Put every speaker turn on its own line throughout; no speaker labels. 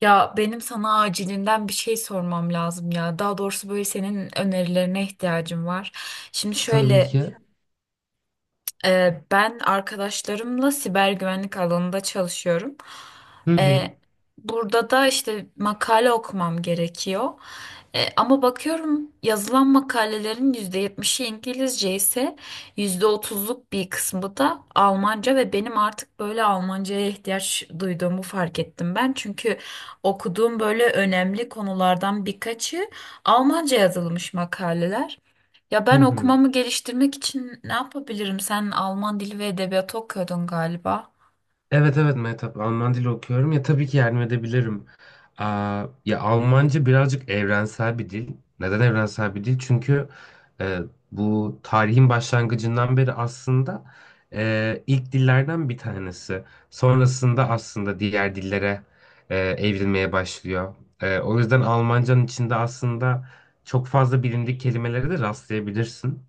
Ya benim sana acilinden bir şey sormam lazım ya. Daha doğrusu böyle senin önerilerine ihtiyacım var. Şimdi
Tabii
şöyle.
ki.
Ben arkadaşlarımla siber güvenlik alanında çalışıyorum.
Hı hı.
Ee, Burada da işte makale okumam gerekiyor. Ama bakıyorum yazılan makalelerin %70'i İngilizce ise %30'luk bir kısmı da Almanca ve benim artık böyle Almanca'ya ihtiyaç duyduğumu fark ettim ben. Çünkü okuduğum böyle önemli konulardan birkaçı Almanca yazılmış makaleler. Ya
Hı
ben
hı.
okumamı geliştirmek için ne yapabilirim? Sen Alman dili ve edebiyatı okuyordun galiba.
Evet evet Mehtap Alman dili okuyorum ya tabii ki yardım edebilirim. Aa, ya Almanca birazcık evrensel bir dil. Neden evrensel bir dil? Çünkü e, bu tarihin başlangıcından beri aslında ilk dillerden bir tanesi. Sonrasında aslında diğer dillere evrilmeye başlıyor. O yüzden Almanca'nın içinde aslında çok fazla bilindik kelimelere de rastlayabilirsin.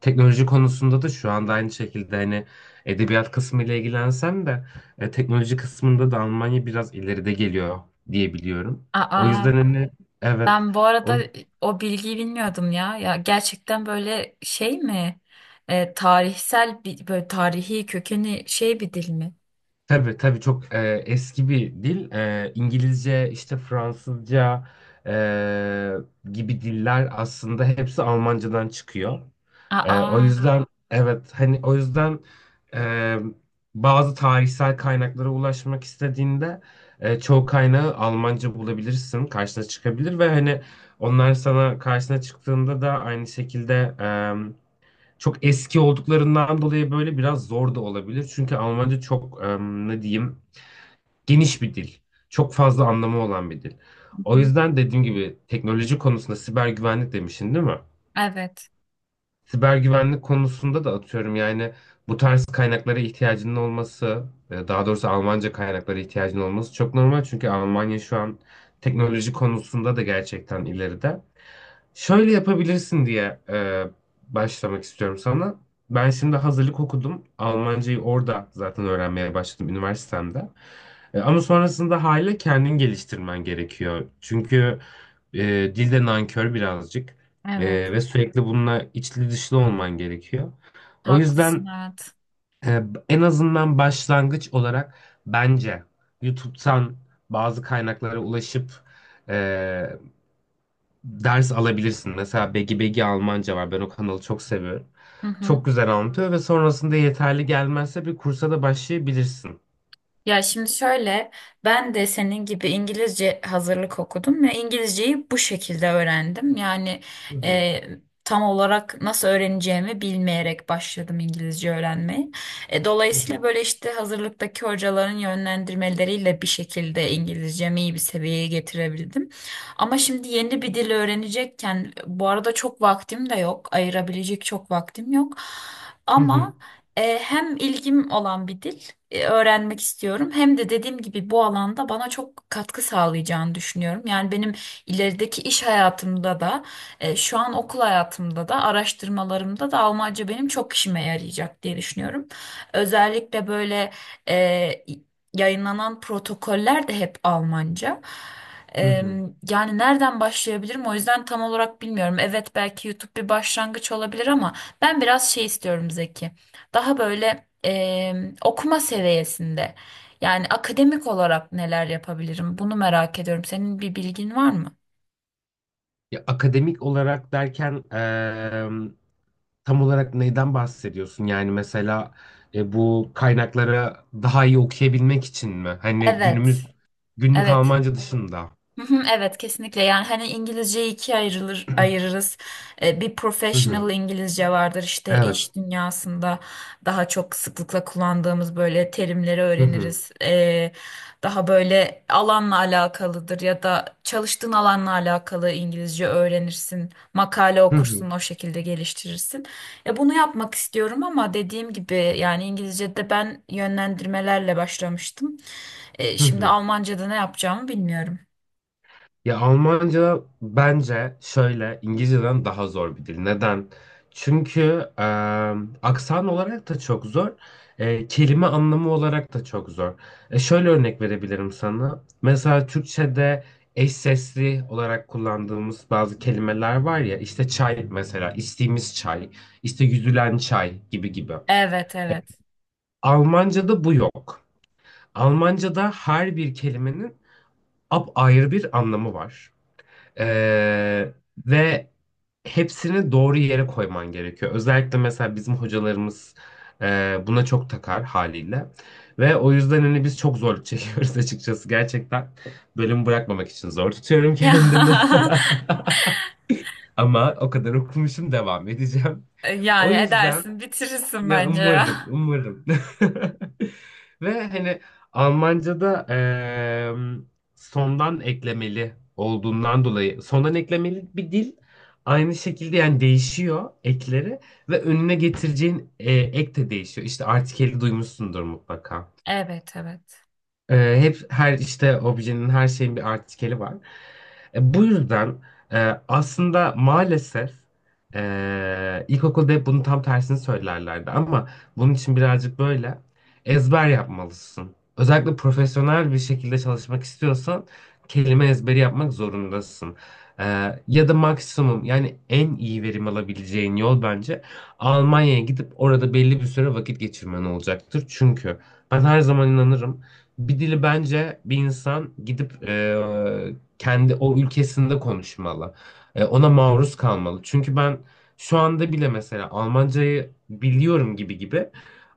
Teknoloji konusunda da şu anda aynı şekilde hani edebiyat kısmı ile ilgilensem de teknoloji kısmında da Almanya biraz ileride geliyor diye biliyorum. O
Aa,
yüzden hani evet
ben bu
o
arada o bilgiyi bilmiyordum ya. Ya gerçekten böyle şey mi? Tarihsel bir böyle tarihi kökeni şey bir dil mi?
tabii tabii çok eski bir dil. İngilizce işte Fransızca gibi diller aslında hepsi Almancadan çıkıyor. O
Aa,
yüzden evet hani o yüzden e, bazı tarihsel kaynaklara ulaşmak istediğinde çoğu kaynağı Almanca bulabilirsin, karşına çıkabilir ve hani onlar sana karşına çıktığında da aynı şekilde çok eski olduklarından dolayı böyle biraz zor da olabilir. Çünkü Almanca çok ne diyeyim geniş bir dil. Çok fazla anlamı olan bir dil.
hı
O
hı.
yüzden dediğim gibi teknoloji konusunda siber güvenlik demişsin değil mi?
Evet,
Siber güvenlik konusunda da atıyorum yani bu tarz kaynaklara ihtiyacının olması, daha doğrusu Almanca kaynaklara ihtiyacının olması çok normal çünkü Almanya şu an teknoloji konusunda da gerçekten ileride. Şöyle yapabilirsin diye başlamak istiyorum sana. Ben şimdi hazırlık okudum. Almancayı orada zaten öğrenmeye başladım üniversitemde. Ama sonrasında hala kendin geliştirmen gerekiyor. Çünkü e, dil nankör birazcık.
evet.
Ve sürekli bununla içli dışlı olman gerekiyor. O yüzden
Haklısın, evet.
e, en azından başlangıç olarak bence YouTube'dan bazı kaynaklara ulaşıp e, ders alabilirsin. Mesela Begi Begi Almanca var. Ben o kanalı çok seviyorum.
Hı hı.
Çok güzel anlatıyor ve sonrasında yeterli gelmezse bir kursa da başlayabilirsin.
Ya şimdi şöyle, ben de senin gibi İngilizce hazırlık okudum ve İngilizceyi bu şekilde öğrendim. Yani
Hı hı,
e, tam olarak nasıl öğreneceğimi bilmeyerek başladım İngilizce öğrenmeye.
hı hı,
Dolayısıyla böyle işte hazırlıktaki hocaların yönlendirmeleriyle bir şekilde İngilizcemi iyi bir seviyeye getirebildim. Ama şimdi yeni bir dil öğrenecekken bu arada çok vaktim de yok, ayırabilecek çok vaktim yok.
hı hı,
Ama hem ilgim olan bir dil öğrenmek istiyorum hem de dediğim gibi bu alanda bana çok katkı sağlayacağını düşünüyorum. Yani benim ilerideki iş hayatımda da şu an okul hayatımda da araştırmalarımda da Almanca benim çok işime yarayacak diye düşünüyorum. Özellikle böyle e, yayınlanan protokoller de hep Almanca. E,
hı hı.
Yani nereden başlayabilirim o yüzden tam olarak bilmiyorum. Evet belki YouTube bir başlangıç olabilir ama ben biraz şey istiyorum Zeki, daha böyle okuma seviyesinde. Yani akademik olarak neler yapabilirim? Bunu merak ediyorum. Senin bir bilgin var mı?
Ya, akademik olarak derken tam olarak neyden bahsediyorsun? Yani mesela bu kaynakları daha iyi okuyabilmek için mi? Hani günümüz
Evet,
günlük
evet.
Almanca dışında.
Hı hı, evet, kesinlikle yani hani İngilizceyi ikiye ayırırız. Bir
Hı hı.
professional İngilizce vardır işte
Evet.
iş dünyasında daha çok sıklıkla kullandığımız böyle terimleri
Hı hı.
öğreniriz. Daha böyle alanla alakalıdır ya da çalıştığın alanla alakalı İngilizce öğrenirsin. Makale
Hı hı.
okursun o şekilde geliştirirsin. Ya bunu yapmak istiyorum ama dediğim gibi yani İngilizce'de ben yönlendirmelerle başlamıştım.
Hı
Şimdi
hı.
Almanca'da ne yapacağımı bilmiyorum.
Ya Almanca bence şöyle İngilizceden daha zor bir dil. Neden? Çünkü e, aksan olarak da çok zor, kelime anlamı olarak da çok zor. Şöyle örnek verebilirim sana. Mesela Türkçe'de eş sesli olarak kullandığımız bazı kelimeler var ya, işte çay mesela, içtiğimiz çay, işte yüzülen çay gibi gibi.
Evet, evet.
Almanca'da bu yok. Almanca'da her bir kelimenin apayrı bir anlamı var. Ee, Ve hepsini doğru yere koyman gerekiyor. Özellikle mesela bizim hocalarımız buna çok takar haliyle. Ve o yüzden hani biz çok zorluk çekiyoruz açıkçası. Gerçekten bölüm bırakmamak için zor tutuyorum
Ya
kendimi. Ama o kadar okumuşum devam edeceğim. O
yani
yüzden
edersin bitirirsin
ya
bence
umarım,
ya.
umarım. Ve hani Almanca'da sondan eklemeli olduğundan dolayı sondan eklemeli bir dil aynı şekilde yani değişiyor ekleri ve önüne getireceğin ek de değişiyor. İşte artikeli duymuşsundur mutlaka.
Evet, evet.
Hep her işte objenin, her şeyin bir artikeli var. Bu yüzden aslında maalesef ilkokulda hep bunun tam tersini söylerlerdi ama bunun için birazcık böyle ezber yapmalısın. Özellikle profesyonel bir şekilde çalışmak istiyorsan kelime ezberi yapmak zorundasın. E, Ya da maksimum yani en iyi verim alabileceğin yol bence Almanya'ya gidip orada belli bir süre vakit geçirmen olacaktır. Çünkü ben her zaman inanırım. Bir dili bence bir insan gidip kendi o ülkesinde konuşmalı. Ona maruz kalmalı. Çünkü ben şu anda bile mesela Almancayı biliyorum gibi gibi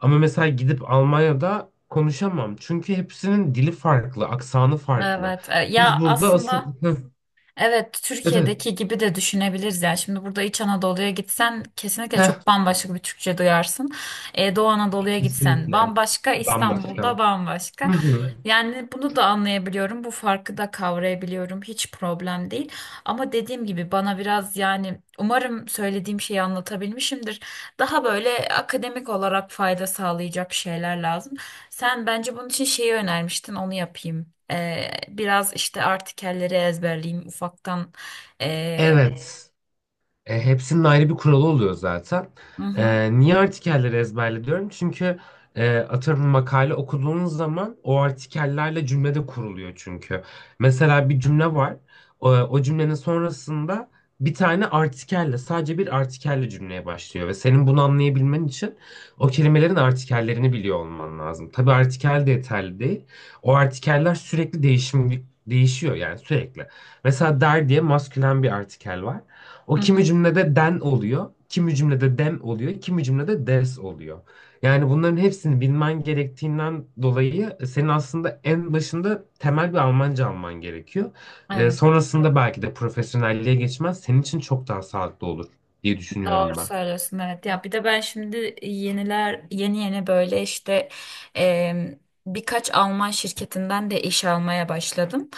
ama mesela gidip Almanya'da konuşamam. Çünkü hepsinin dili farklı, aksanı farklı.
Evet. Ya
Biz burada asıl...
aslında,
Heh,
evet,
evet, evet.
Türkiye'deki gibi de düşünebiliriz yani. Şimdi burada İç Anadolu'ya gitsen kesinlikle
Heh,
çok bambaşka bir Türkçe duyarsın. Doğu Anadolu'ya gitsen
kesinlikle.
bambaşka, İstanbul'da
Bambaşka.
bambaşka.
Hı hı.
Yani bunu da anlayabiliyorum, bu farkı da kavrayabiliyorum. Hiç problem değil. Ama dediğim gibi bana biraz yani umarım söylediğim şeyi anlatabilmişimdir. Daha böyle akademik olarak fayda sağlayacak şeyler lazım. Sen bence bunun için şeyi önermiştin, onu yapayım. Biraz işte artikelleri ezberleyeyim ufaktan. Ee,
Evet. Hepsinin ayrı bir kuralı oluyor zaten.
hı hı,
Niye artikelleri ezberle diyorum? Çünkü atıyorum makale okuduğunuz zaman o artikellerle cümle de kuruluyor çünkü. Mesela bir cümle var. O cümlenin sonrasında bir tane artikelle, sadece bir artikelle cümleye başlıyor. Ve senin bunu anlayabilmen için o kelimelerin artikellerini biliyor olman lazım. Tabii artikel de yeterli değil. O artikeller sürekli değişiyor yani sürekli. Mesela der diye maskülen bir artikel var. O
hı
kimi
hı.
cümlede den oluyor, kimi cümlede dem oluyor, kimi cümlede des oluyor. Yani bunların hepsini bilmen gerektiğinden dolayı senin aslında en başında temel bir Almanca alman gerekiyor.
Evet,
Sonrasında belki de profesyonelliğe geçmez senin için çok daha sağlıklı olur diye
doğru
düşünüyorum ben.
söylüyorsun. Evet, ya bir de ben şimdi yeni yeni böyle işte em, birkaç Alman şirketinden de iş almaya başladım.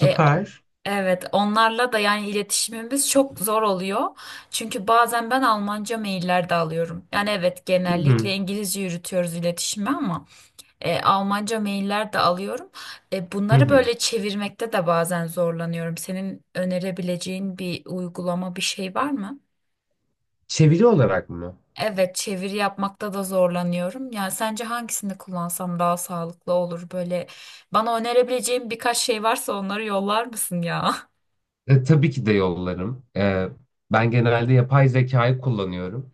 E, evet, onlarla da yani iletişimimiz çok zor oluyor. Çünkü bazen ben Almanca mailler de alıyorum. Yani evet,
Hı
genellikle
hı.
İngilizce yürütüyoruz iletişimi ama. Almanca mailler de alıyorum.
Hı
Bunları
hı.
böyle çevirmekte de bazen zorlanıyorum. Senin önerebileceğin bir uygulama, bir şey var mı?
Çeviri olarak mı?
Evet, çeviri yapmakta da zorlanıyorum. Yani sence hangisini kullansam daha sağlıklı olur? Böyle bana önerebileceğin birkaç şey varsa onları yollar mısın ya?
Tabii ki de yollarım. Ben genelde yapay zekayı kullanıyorum.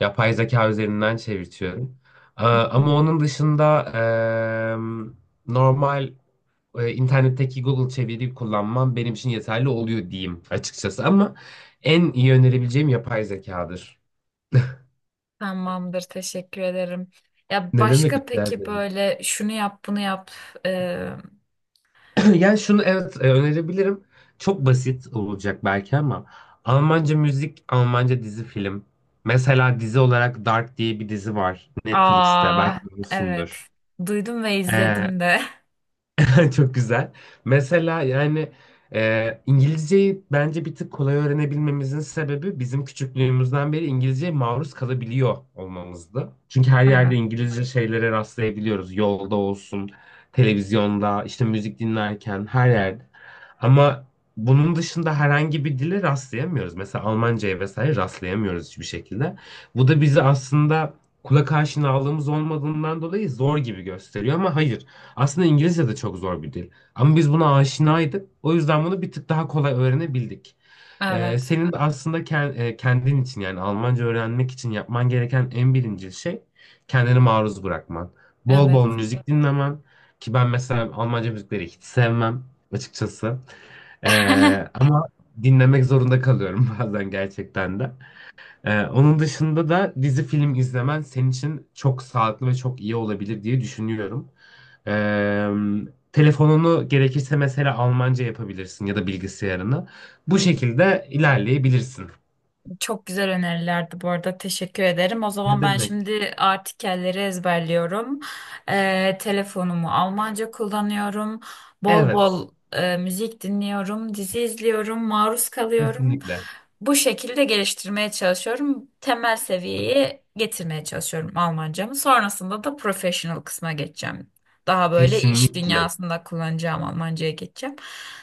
Yapay zeka üzerinden çevirtiyorum.
Hı hı.
Ama onun dışında normal internetteki Google çeviriyi kullanmam benim için yeterli oluyor diyeyim açıkçası. Ama en iyi önerebileceğim yapay zekadır.
Tamamdır, teşekkür ederim. Ya
Ne demek,
başka
rica
peki
ederim.
böyle şunu yap, bunu yap. E,
Yani şunu evet önerebilirim. Çok basit olacak belki ama Almanca müzik, Almanca dizi film. Mesela dizi olarak Dark diye bir dizi var Netflix'te
Aa,
belki
evet.
biliyorsundur.
Duydum ve izledim de.
Çok güzel. Mesela yani İngilizceyi bence bir tık kolay öğrenebilmemizin sebebi bizim küçüklüğümüzden beri İngilizceye maruz kalabiliyor olmamızdı. Çünkü her yerde
Evet.
İngilizce şeylere rastlayabiliyoruz. Yolda olsun, televizyonda, işte müzik dinlerken her yerde. Ama bunun dışında herhangi bir dile rastlayamıyoruz. Mesela Almanca'ya vesaire rastlayamıyoruz hiçbir şekilde. Bu da bizi aslında kulak aşinalığımız olmadığından dolayı zor gibi gösteriyor ama hayır. Aslında İngilizce de çok zor bir dil. Ama biz buna aşinaydık. O yüzden bunu bir tık daha kolay öğrenebildik.
Evet.
Senin de aslında kendin için yani Almanca öğrenmek için yapman gereken en birinci şey kendini maruz bırakman. Bol bol
Evet.
müzik dinlemen. Ki ben mesela Almanca müzikleri hiç sevmem açıkçası. Ama dinlemek zorunda kalıyorum bazen gerçekten de. Onun dışında da dizi film izlemen senin için çok sağlıklı ve çok iyi olabilir diye düşünüyorum. Telefonunu gerekirse mesela Almanca yapabilirsin ya da bilgisayarını. Bu şekilde ilerleyebilirsin.
Çok güzel önerilerdi bu arada. Teşekkür ederim. O
Ne
zaman ben
demek?
şimdi artikelleri ezberliyorum. Telefonumu Almanca kullanıyorum. Bol
Evet,
bol müzik dinliyorum. Dizi izliyorum. Maruz kalıyorum.
kesinlikle.
Bu şekilde geliştirmeye çalışıyorum. Temel seviyeye getirmeye çalışıyorum Almancamı. Sonrasında da professional kısma geçeceğim. Daha böyle iş
Kesinlikle.
dünyasında kullanacağım Almancaya geçeceğim.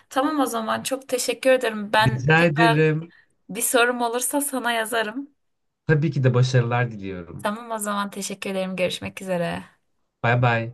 Tamam o zaman çok teşekkür ederim. Ben
Rica
tekrar
ederim.
bir sorum olursa sana yazarım.
Tabii ki de başarılar diliyorum.
Tamam o zaman teşekkür ederim. Görüşmek üzere.
Bay bay.